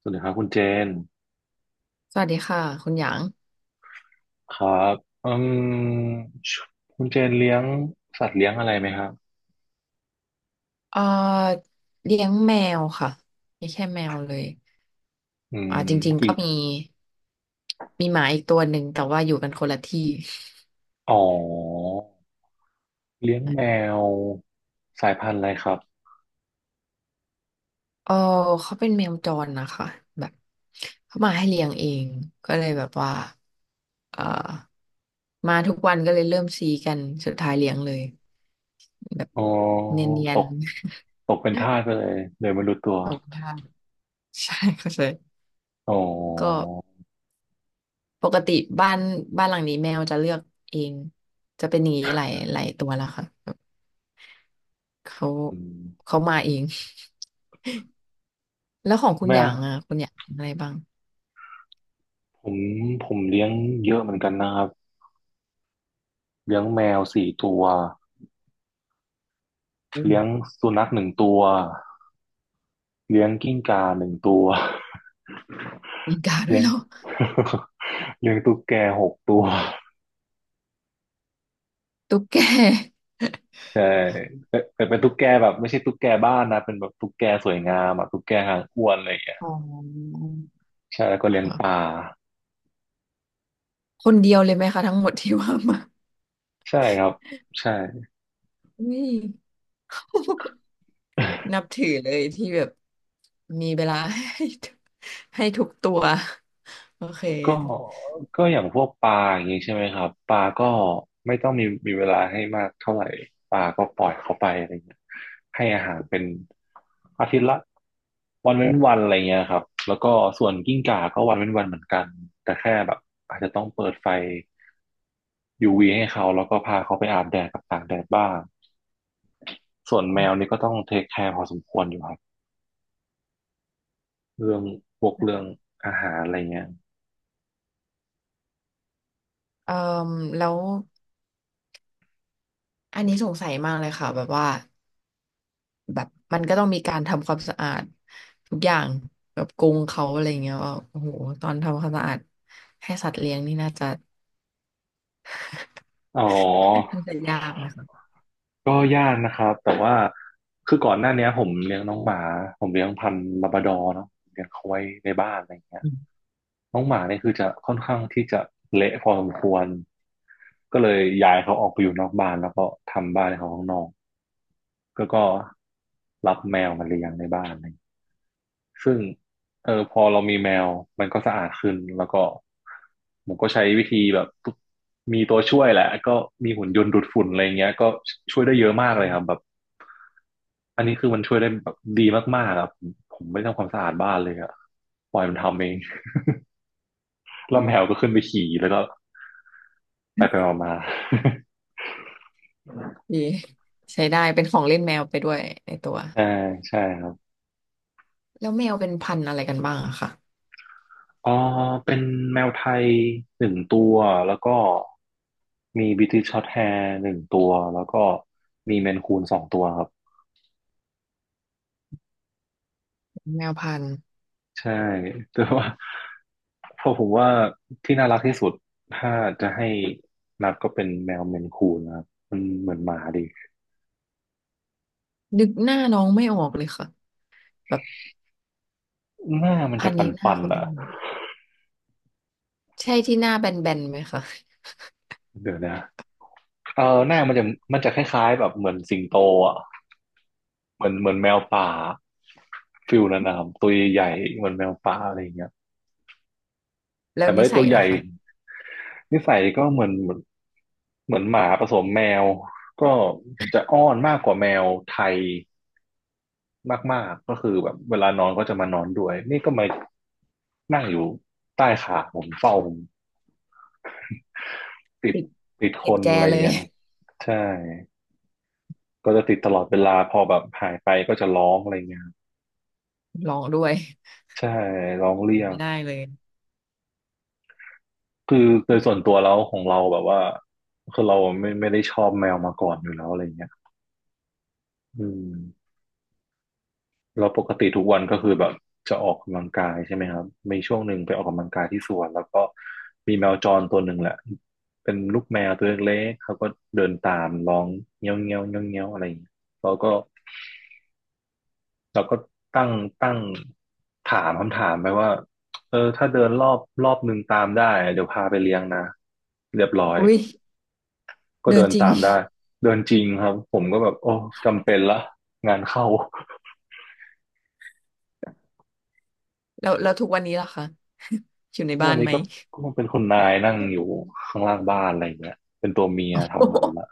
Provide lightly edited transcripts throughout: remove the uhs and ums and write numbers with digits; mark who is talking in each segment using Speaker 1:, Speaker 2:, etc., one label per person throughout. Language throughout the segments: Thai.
Speaker 1: สวัสดีครับคุณเจน
Speaker 2: สวัสดีค่ะคุณหยาง
Speaker 1: ครับอืมชคุณเจนเลี้ยงสัตว์เลี้ยงอะไรไหมครับ
Speaker 2: เอ่อเลี้ยงแมวค่ะไม่แค่แมวเลย
Speaker 1: อืม
Speaker 2: จริงๆ
Speaker 1: กี่
Speaker 2: ก็มีหมาอีกตัวหนึ่งแต่ว่าอยู่กันคนละที่
Speaker 1: อ๋อเลี้ยงแมวสายพันธุ์อะไรครับ
Speaker 2: เออเขาเป็นแมวจรนะคะแบบเขามาให้เลี้ยงเองก็เลยแบบว่าเอ่อมาทุกวันก็เลยเริ่มซีกันสุดท้ายเลี้ยงเลยแบบ
Speaker 1: อ๋อ
Speaker 2: เนีย
Speaker 1: ต
Speaker 2: น
Speaker 1: กตกเป็นทาสไปเลยโดยไม่รู้ตัว
Speaker 2: ๆ ขอบคุณค่ะ ใช่เข้าใจ
Speaker 1: อ๋
Speaker 2: ก็
Speaker 1: อ
Speaker 2: ปกติบ้านบ้านหลังนี้แมวจะเลือกเองจะเป็นอย่างนี้หลายหลายตัวแล้วค่ะแบบเขา
Speaker 1: อืม
Speaker 2: เขามาเอง แล้วของคุณ
Speaker 1: แม่
Speaker 2: อย่างอ่ะคุณอย่างอะไรบ้าง
Speaker 1: ผมผมเลี้ยงเยอะเหมือนกันนะครับเลี้ยงแมวสี่ตัว
Speaker 2: อื
Speaker 1: เลี้ยง
Speaker 2: ม
Speaker 1: สุนัขหนึ่งตัวเลี้ยงกิ้งก่าหนึ่งตัว
Speaker 2: มีกาด้ว
Speaker 1: เลี้
Speaker 2: ย
Speaker 1: ยง
Speaker 2: เหรอ
Speaker 1: เลี้ยงตุ๊กแกหกตัว
Speaker 2: ตุ๊กแก
Speaker 1: ใช่แต่เป็นตุ๊กแกแบบไม่ใช่ตุ๊กแกบ้านนะเป็นแบบตุ๊กแกสวยงามอะตุ๊กแกหางอ้วนอะไรอย่างเงี้ย
Speaker 2: อ๋อ
Speaker 1: ใช่แล้วก็เลี้ยงปลา
Speaker 2: ค่ะคนเดียวเลยไหมคะทั้งหมดที่ว่ามา
Speaker 1: ใช่ครับใช่
Speaker 2: อุ้ยนับถือเลยที่แบบมีเวลาให้ทุกตัวโอเค
Speaker 1: ก็ก็อย่างพวกปลาอย่างนี้ใช่ไหมครับปลาก็ไม่ต้องมีเวลาให้มากเท่าไหร่ปลาก็ปล่อยเขาไปอะไรเงี้ยให้อาหารเป็นอาทิตย์ละวันเว้นวันอะไรเงี้ยครับแล้วก็ส่วนกิ้งก่าก็วันเว้นวันเหมือนกันแต่แค่แบบอาจจะต้องเปิดไฟยูวีให้เขาแล้วก็พาเขาไปอาบแดดกับตากแดดบ้างส่วนแมวนี่ก็ต้องเทคแคร์พอสมควรอยู่ครับเรื่องพวกเรื่องอาหารอะไรเงี้ย
Speaker 2: เอ่อแล้วอันนี้สงสัยมากเลยค่ะแบบว่า แบบมันก็ต้องมีการทำความสะอาดทุกอย่างแบบกรงเขาอะไรเงี้ยว่าโอ้โหตอนทำความสะอาดให้สัตว์เลี้ยงนี่
Speaker 1: อ๋
Speaker 2: น
Speaker 1: อ
Speaker 2: ่าจะยากไหมคะ
Speaker 1: ก็ยากนะครับ แต่ว่าคือก่อนหน้าเนี้ยผมเลี้ยงน้องหมาผมเลี้ยงพันธุ์ลาบราดอร์เนาะเลี้ยงเขาไว้ในบ้านอะไรอย่างเงี้ย
Speaker 2: อืม
Speaker 1: น้องหมาเนี่ยคือจะค่อนข้างที่จะเละพอสมควรก็เลยย้ายเขาออกไปอยู่นอกบ้านแล้วก็ทำบ้านให้เขาข้างนอกก็ก็รับแมวมาเลี้ยงในบ้าน ซึ่งเออพอเรามีแมวมันก็สะอาดขึ้นแล้วก็ผมก็ใช้วิธีแบบมีตัวช่วยแหละก็มีหุ่นยนต์ดูดฝุ่นอะไรเงี้ยก็ช่วยได้เยอะมากเลยครับแบบอันนี้คือมันช่วยได้แบบดีมากๆครับผมผมไม่ทำความสะอาดบ้านเลยอะปล่อยมันทำเอง แล้วแมวก็ขึ้นไปขี่แล้วก็ไปไปมา
Speaker 2: ดีใช้ได้เป็นของเล่นแมวไปด้วยในตัว
Speaker 1: ๆ ใช่ใช่ครับ
Speaker 2: แล้วแมวเป็นพันธุ์อะไรกันบ้างอะคะ
Speaker 1: เออเป็นแมวไทยหนึ่งตัว แล้วก็มีบริติชช็อร์ตแฮร์หนึ่งตัว แล้วก็มีเมนคูนสองตัวครับ
Speaker 2: แมวพันธุ์
Speaker 1: ใช่ แต่ว่าเพราะผมว่าที่น่ารักที่สุดถ้าจะให้นับก็เป็นแมวเมนคูนนะครับมันเหมือนหมาดี
Speaker 2: นึกหน้าน้องไม่ออกเลยค่ะแบบ
Speaker 1: หน้ามัน
Speaker 2: พั
Speaker 1: จะ
Speaker 2: น
Speaker 1: ป
Speaker 2: ธุ์นี้หน้า
Speaker 1: ัน
Speaker 2: เขา
Speaker 1: ๆ
Speaker 2: เป็น
Speaker 1: อ่ะ
Speaker 2: ยังไงใช่ที่หน้าแบนๆไหมคะ
Speaker 1: เดี๋ยวนะเออหน้ามันจะมันจะคล้ายๆแบบเหมือนสิงโตอ่ะเหมือนแมวป่าฟิลนั้นนะครับตัวใหญ่ๆเหมือนแมวป่าอะไรอย่างเงี้ย
Speaker 2: แล้
Speaker 1: แต่
Speaker 2: ว
Speaker 1: ไม่
Speaker 2: นิ
Speaker 1: ได้
Speaker 2: สั
Speaker 1: ตัว
Speaker 2: ย
Speaker 1: ให
Speaker 2: เหรอ
Speaker 1: ญ่
Speaker 2: คะ
Speaker 1: นิสัยก็เหมือนหมาผสมแมวก็จะอ้อนมากกว่าแมวไทยมากๆก็คือแบบเวลานอนก็จะมานอนด้วยนี่ก็มานั่งอยู่ใต้ขาผมเฝ้าผมติด
Speaker 2: ติด
Speaker 1: ติดค
Speaker 2: ติด
Speaker 1: น
Speaker 2: แจ
Speaker 1: อะไร
Speaker 2: เลย
Speaker 1: เงี้ยครับ ใช่ก็จะติดตลอดเวลาพอแบบหายไปก็จะร้องอะไรเงี้ยครับ
Speaker 2: ลองด้วย
Speaker 1: ใช่ร้องเรียก
Speaker 2: ไม่ได้เลย
Speaker 1: คือโดยส่วนตัวแล้วของเราแบบว่าคือเราไม่ได้ชอบแมวมาก่อนอยู่แล้วอะไรเงี้ยอืม เราปกติทุกวันก็คือแบบจะออกกำลังกายใช่ไหมครับมีช่วงหนึ่งไปออกกำลังกายที่สวนแล้วก็มีแมวจรตัวหนึ่งแหละเป็นลูกแมวตัวเล็กๆเขาก็เดินตามร้องเงี้ยวเงี้ยวเงี้ยวเงี้ยวอะไรอย่างเงี้ยเราก็เราก็ตั้งตั้งถามคำถามไปว่าเออถ้าเดินรอบหนึ่งตามได้เดี๋ยวพาไปเลี้ยงนะเรียบร้อย
Speaker 2: อุ้ย
Speaker 1: ก็
Speaker 2: เดิ
Speaker 1: เดิ
Speaker 2: น
Speaker 1: น
Speaker 2: จริง
Speaker 1: ตามได้เดินจริงครับผมก็แบบโอ้จำเป็นละงานเข้า
Speaker 2: แล้วทุกวันนี้ล่ะคะ อยู่ใน
Speaker 1: ทุก
Speaker 2: บ้า
Speaker 1: วัน
Speaker 2: น
Speaker 1: นี้
Speaker 2: ไหม
Speaker 1: ก็ก็เป็นคุณนายนั่งอยู่ข้างล่างบ้านอะไรอย่างเงี้ยเป็นตัวเมียทำมันละ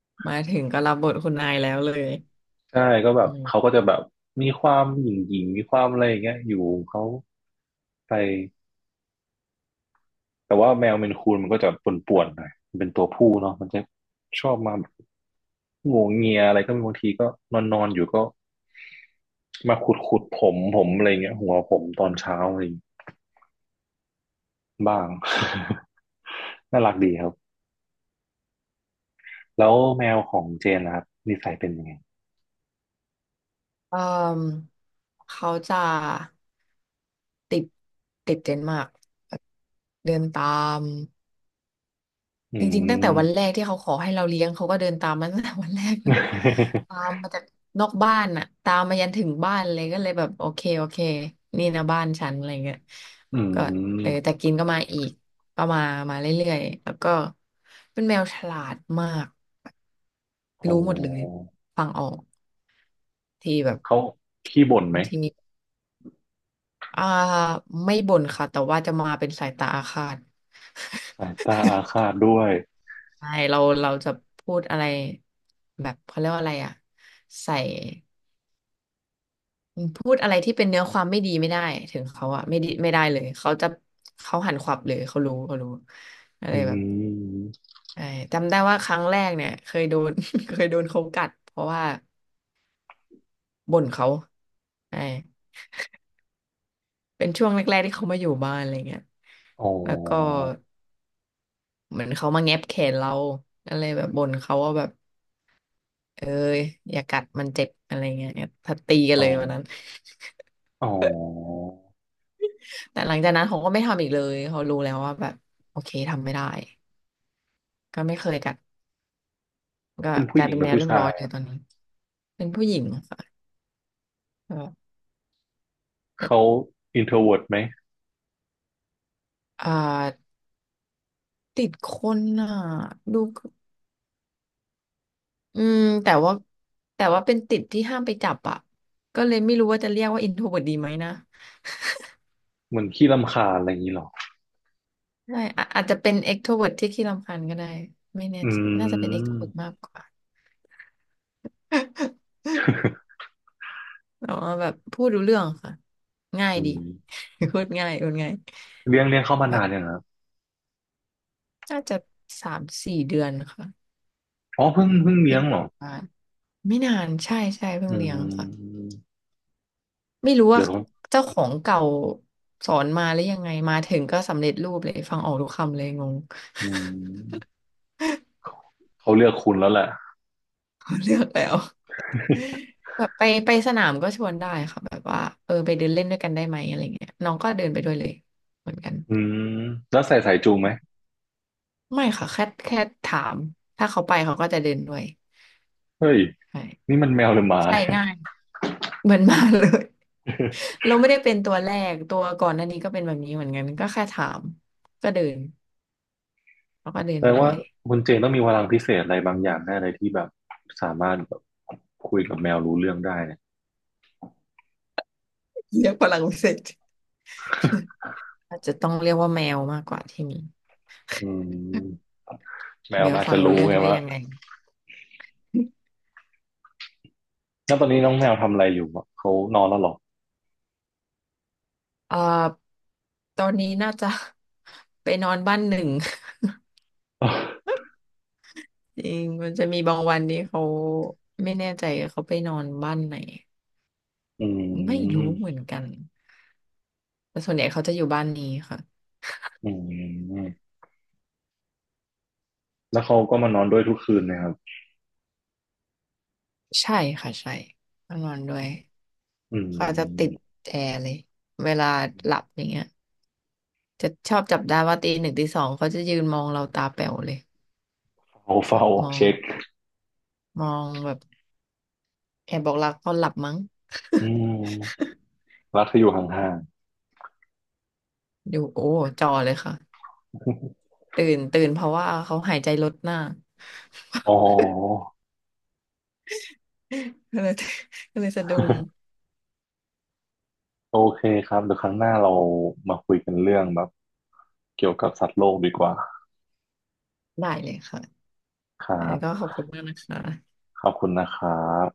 Speaker 2: มาถึงก็รับบทคุณนายแล้วเลย
Speaker 1: ใช่ก็แบ
Speaker 2: อื
Speaker 1: บเขาก็
Speaker 2: ม
Speaker 1: จะแบบมีความหยิ่งหยิ่งมีความอะไรอย่างเงี้ยอยู่ของเขาไปแต่ว่าแมวเมนคูนมันก็จะป่วนๆหน่อยมันเป็นตัวผู้เนาะมันจะชอบมาแบบงัวเงียอะไรก็มีบางทีก็นอนนอนอยู่ก็มาขุดผมอะไรเงี้ยหัวผมตอนเช้าอะไรางบ้าง น่ารักดีครับแล้วแมวของเจนนะครับนิสัยเป็นยังไง
Speaker 2: เอ่มเขาจะติดติดเดนมาร์กแบบเดินตาม
Speaker 1: อื
Speaker 2: จริงๆตั้ง
Speaker 1: ม
Speaker 2: แต่วันแรกที่เขาขอให้เราเลี้ยงเขาก็เดินตามมา ตั้งแต่วันแรกแล้ว ตามมาจากนอกบ้านน่ะตามมายันถึงบ้านเลยก็เลยแบบโอเคโอเคนี่นะบ้านฉันอะไรเงี้ย
Speaker 1: อื
Speaker 2: ก็เออ
Speaker 1: ม
Speaker 2: แต่กินก็มาอีกก็มาเรื่อยๆแล้วก็เป็นแมวฉลาดมาก
Speaker 1: โอ้
Speaker 2: รู้หมดเลยฟังออกที่แบบ
Speaker 1: เขาขี้บ่นไหม
Speaker 2: บางทีมีอ่าไม่บ่นค่ะแต่ว่าจะมาเป็นสายตาอาฆาต
Speaker 1: สายตาอาฆาตด้วย
Speaker 2: ใช่เราจะพูดอะไรแบบเขาเรียกว่าอะไรอ่ะใส่พูดอะไรที่เป็นเนื้อความไม่ดีไม่ได้ถึงเขาอะไม่ดีไม่ได้เลยเขาจะเขาหันขวับเลยเขารู้เขารู้อะ
Speaker 1: อื
Speaker 2: ไรแบบ
Speaker 1: ม
Speaker 2: ใช่จำได้ว่าครั้งแรกเนี่ยเคยโดน เคยโดนเขากัดเพราะว่าบ่นเขาใช่เป็นช่วงแรกๆที่เขามาอยู่บ้านอะไรเงี้ย
Speaker 1: อ๋อ
Speaker 2: แล้วก็เหมือนเขามาแงบแขนเราอะไรแบบบ่นเขาว่าแบบเอ้ยอย่ากัดมันเจ็บอะไรเงี้ยถ้าตีกัน
Speaker 1: อ๋อ
Speaker 2: เลยวันนั้น
Speaker 1: อ๋อ
Speaker 2: แต่หลังจากนั้นเขาก็ไม่ทำอีกเลยเขารู้แล้วว่าแบบโอเคทำไม่ได้ก็ไม่เคยกัด
Speaker 1: เขา
Speaker 2: ก็
Speaker 1: เป็น
Speaker 2: ก
Speaker 1: ผู้
Speaker 2: ลา
Speaker 1: ห
Speaker 2: ย
Speaker 1: ญิง
Speaker 2: เป็น
Speaker 1: หรื
Speaker 2: แม
Speaker 1: อ
Speaker 2: ว
Speaker 1: ผู้
Speaker 2: เรียบ
Speaker 1: ชา
Speaker 2: ร้อย
Speaker 1: ย
Speaker 2: เลย
Speaker 1: อะ
Speaker 2: ตอนนี้เป็นผู้หญิงค่ะก็
Speaker 1: เขา
Speaker 2: แต่
Speaker 1: อินโทรเวิร์ไหม
Speaker 2: อ่าติดคนอ่ะดูอืมแต่ว่าแต่ว่าเป็นติดที่ห้ามไปจับอ่ะก็เลยไม่รู้ว่าจะเรียกว่าอินโทรเวิร์ดีไหมนะ
Speaker 1: เหมือนขี้รำคาญอะไรอย่างนี้หรอ
Speaker 2: ใช่อาจจะเป็นเอ t กโทรเวร์ที่ขี้รำคาญก็ได้ไม่แน่
Speaker 1: อื
Speaker 2: ใจน่าจะเป็นเอกโท
Speaker 1: ม
Speaker 2: เวร์มากกว่า แต่ว่าแบบพูดรู้เรื่องค่ะง่าย
Speaker 1: อื
Speaker 2: ดี
Speaker 1: ม
Speaker 2: พูดง่ายพูดง่าย
Speaker 1: เลี้ยงเข้ามานานยังครับ
Speaker 2: น่าจะ3-4 เดือนค่ะ
Speaker 1: อ๋อ เพิ่งเลี้
Speaker 2: เป็
Speaker 1: ย
Speaker 2: น
Speaker 1: ง
Speaker 2: เดื
Speaker 1: เหร
Speaker 2: อน
Speaker 1: อ
Speaker 2: กว่านไม่นานใช่ใช่เพิ่
Speaker 1: อื
Speaker 2: งเลี้ยงค่ะ
Speaker 1: ม
Speaker 2: ไม่รู้
Speaker 1: เดี๋
Speaker 2: ว่า
Speaker 1: ยวเขา
Speaker 2: เจ้าของเก่าสอนมาแล้วยังไงมาถึงก็สำเร็จรูปเลยฟังออกทุกคำเลยงง
Speaker 1: อืมเขาเลือกคุณแล้วแหละ
Speaker 2: เลือกแล้ว แบบไปสนามก็ชวนได้ค่ะแบบว่าเออไปเดินเล่นด้วยกันได้ไหมอะไรเงี้ยน้องก็เดินไปด้วยเลยเหมือนกัน
Speaker 1: อืมแล้วใส่สายจูงไหม
Speaker 2: ไม่ค่ะแค่ถามถ้าเขาไปเขาก็จะเดินด้วย
Speaker 1: เฮ้ย
Speaker 2: ใช่
Speaker 1: นี่มันแมวหรือหมา
Speaker 2: ใช่
Speaker 1: เนี่ย
Speaker 2: ง่ายเหมือนมาเลย เราไม่ได้เป็นตัวแรกตัวก่อนหน้านี้ก็เป็นแบบนี้เหมือนกันก็แค่ถามก็เดินแล้วก็เดิน
Speaker 1: แปล
Speaker 2: ไปด้
Speaker 1: ว่า
Speaker 2: วย
Speaker 1: คุณเจนต้องมีพลังพิเศษอะไรบางอย่างแน่เลยที่แบบสามารถแบบคุยกับแมวรู้เรื่องได้เนี่ย
Speaker 2: เรียกพลังวิเศษอาจจะต้องเรียกว่าแมวมากกว่าที่มี
Speaker 1: อืมแม
Speaker 2: แม
Speaker 1: วมั
Speaker 2: ว
Speaker 1: นอาจ
Speaker 2: ฟั
Speaker 1: จะ
Speaker 2: งรู้
Speaker 1: รู้
Speaker 2: เรื่อง
Speaker 1: ไง
Speaker 2: ได้
Speaker 1: ว่า
Speaker 2: ยังไง
Speaker 1: แล้วตอนนี้น้องแมวทำอะไรอยู่อะเขานอนแล้วเหรอ
Speaker 2: เอ่อตอนนี้น่าจะ ไปนอนบ้านหนึ่ง จริงมันจะมีบางวันนี้เขาไม่แน่ใจเขาไปนอนบ้านไหน
Speaker 1: อื
Speaker 2: ไม่รู้เหมือ
Speaker 1: ม
Speaker 2: นกันแต่ส่วนใหญ่เขาจะอยู่บ้านนี้ค่ะ
Speaker 1: อืมแล้วเขาก็มานอนด้วยทุกคืนนะครับ
Speaker 2: ใช่ค่ะใช่ต้องนอนด้วย
Speaker 1: อื
Speaker 2: เขาจะติด
Speaker 1: ม
Speaker 2: แอร์เลยเวลาหลับอย่างเงี้ยจะชอบจับได้ว่าตีหนึ่งตีสองเขาจะยืนมองเราตาแป๋วเลย
Speaker 1: เฝ้า
Speaker 2: แบ
Speaker 1: เฝ้า
Speaker 2: บมอง
Speaker 1: เช็ค
Speaker 2: มองแบบแอบบอกรักตอนหลับมั้ง
Speaker 1: อืม รักที่อยู่ห่าง
Speaker 2: อยูโอ้จอเลยค่ะตื่นเพราะว่าเขาหายใจลดหน้า
Speaker 1: ๆ อ๋อ
Speaker 2: ก็เลย ก็เลยสะดุ้ง
Speaker 1: โอเคครับเดี๋ยวครั้งหน้าเรามาคุยกันเรื่องแบบเกี่ยวกับสัตว์โลกดีกว่า
Speaker 2: ได้เลยค่ะ
Speaker 1: ครั
Speaker 2: อั้นก็
Speaker 1: บ
Speaker 2: ขอบคุณมากนะคะ
Speaker 1: ขอบคุณนะครับ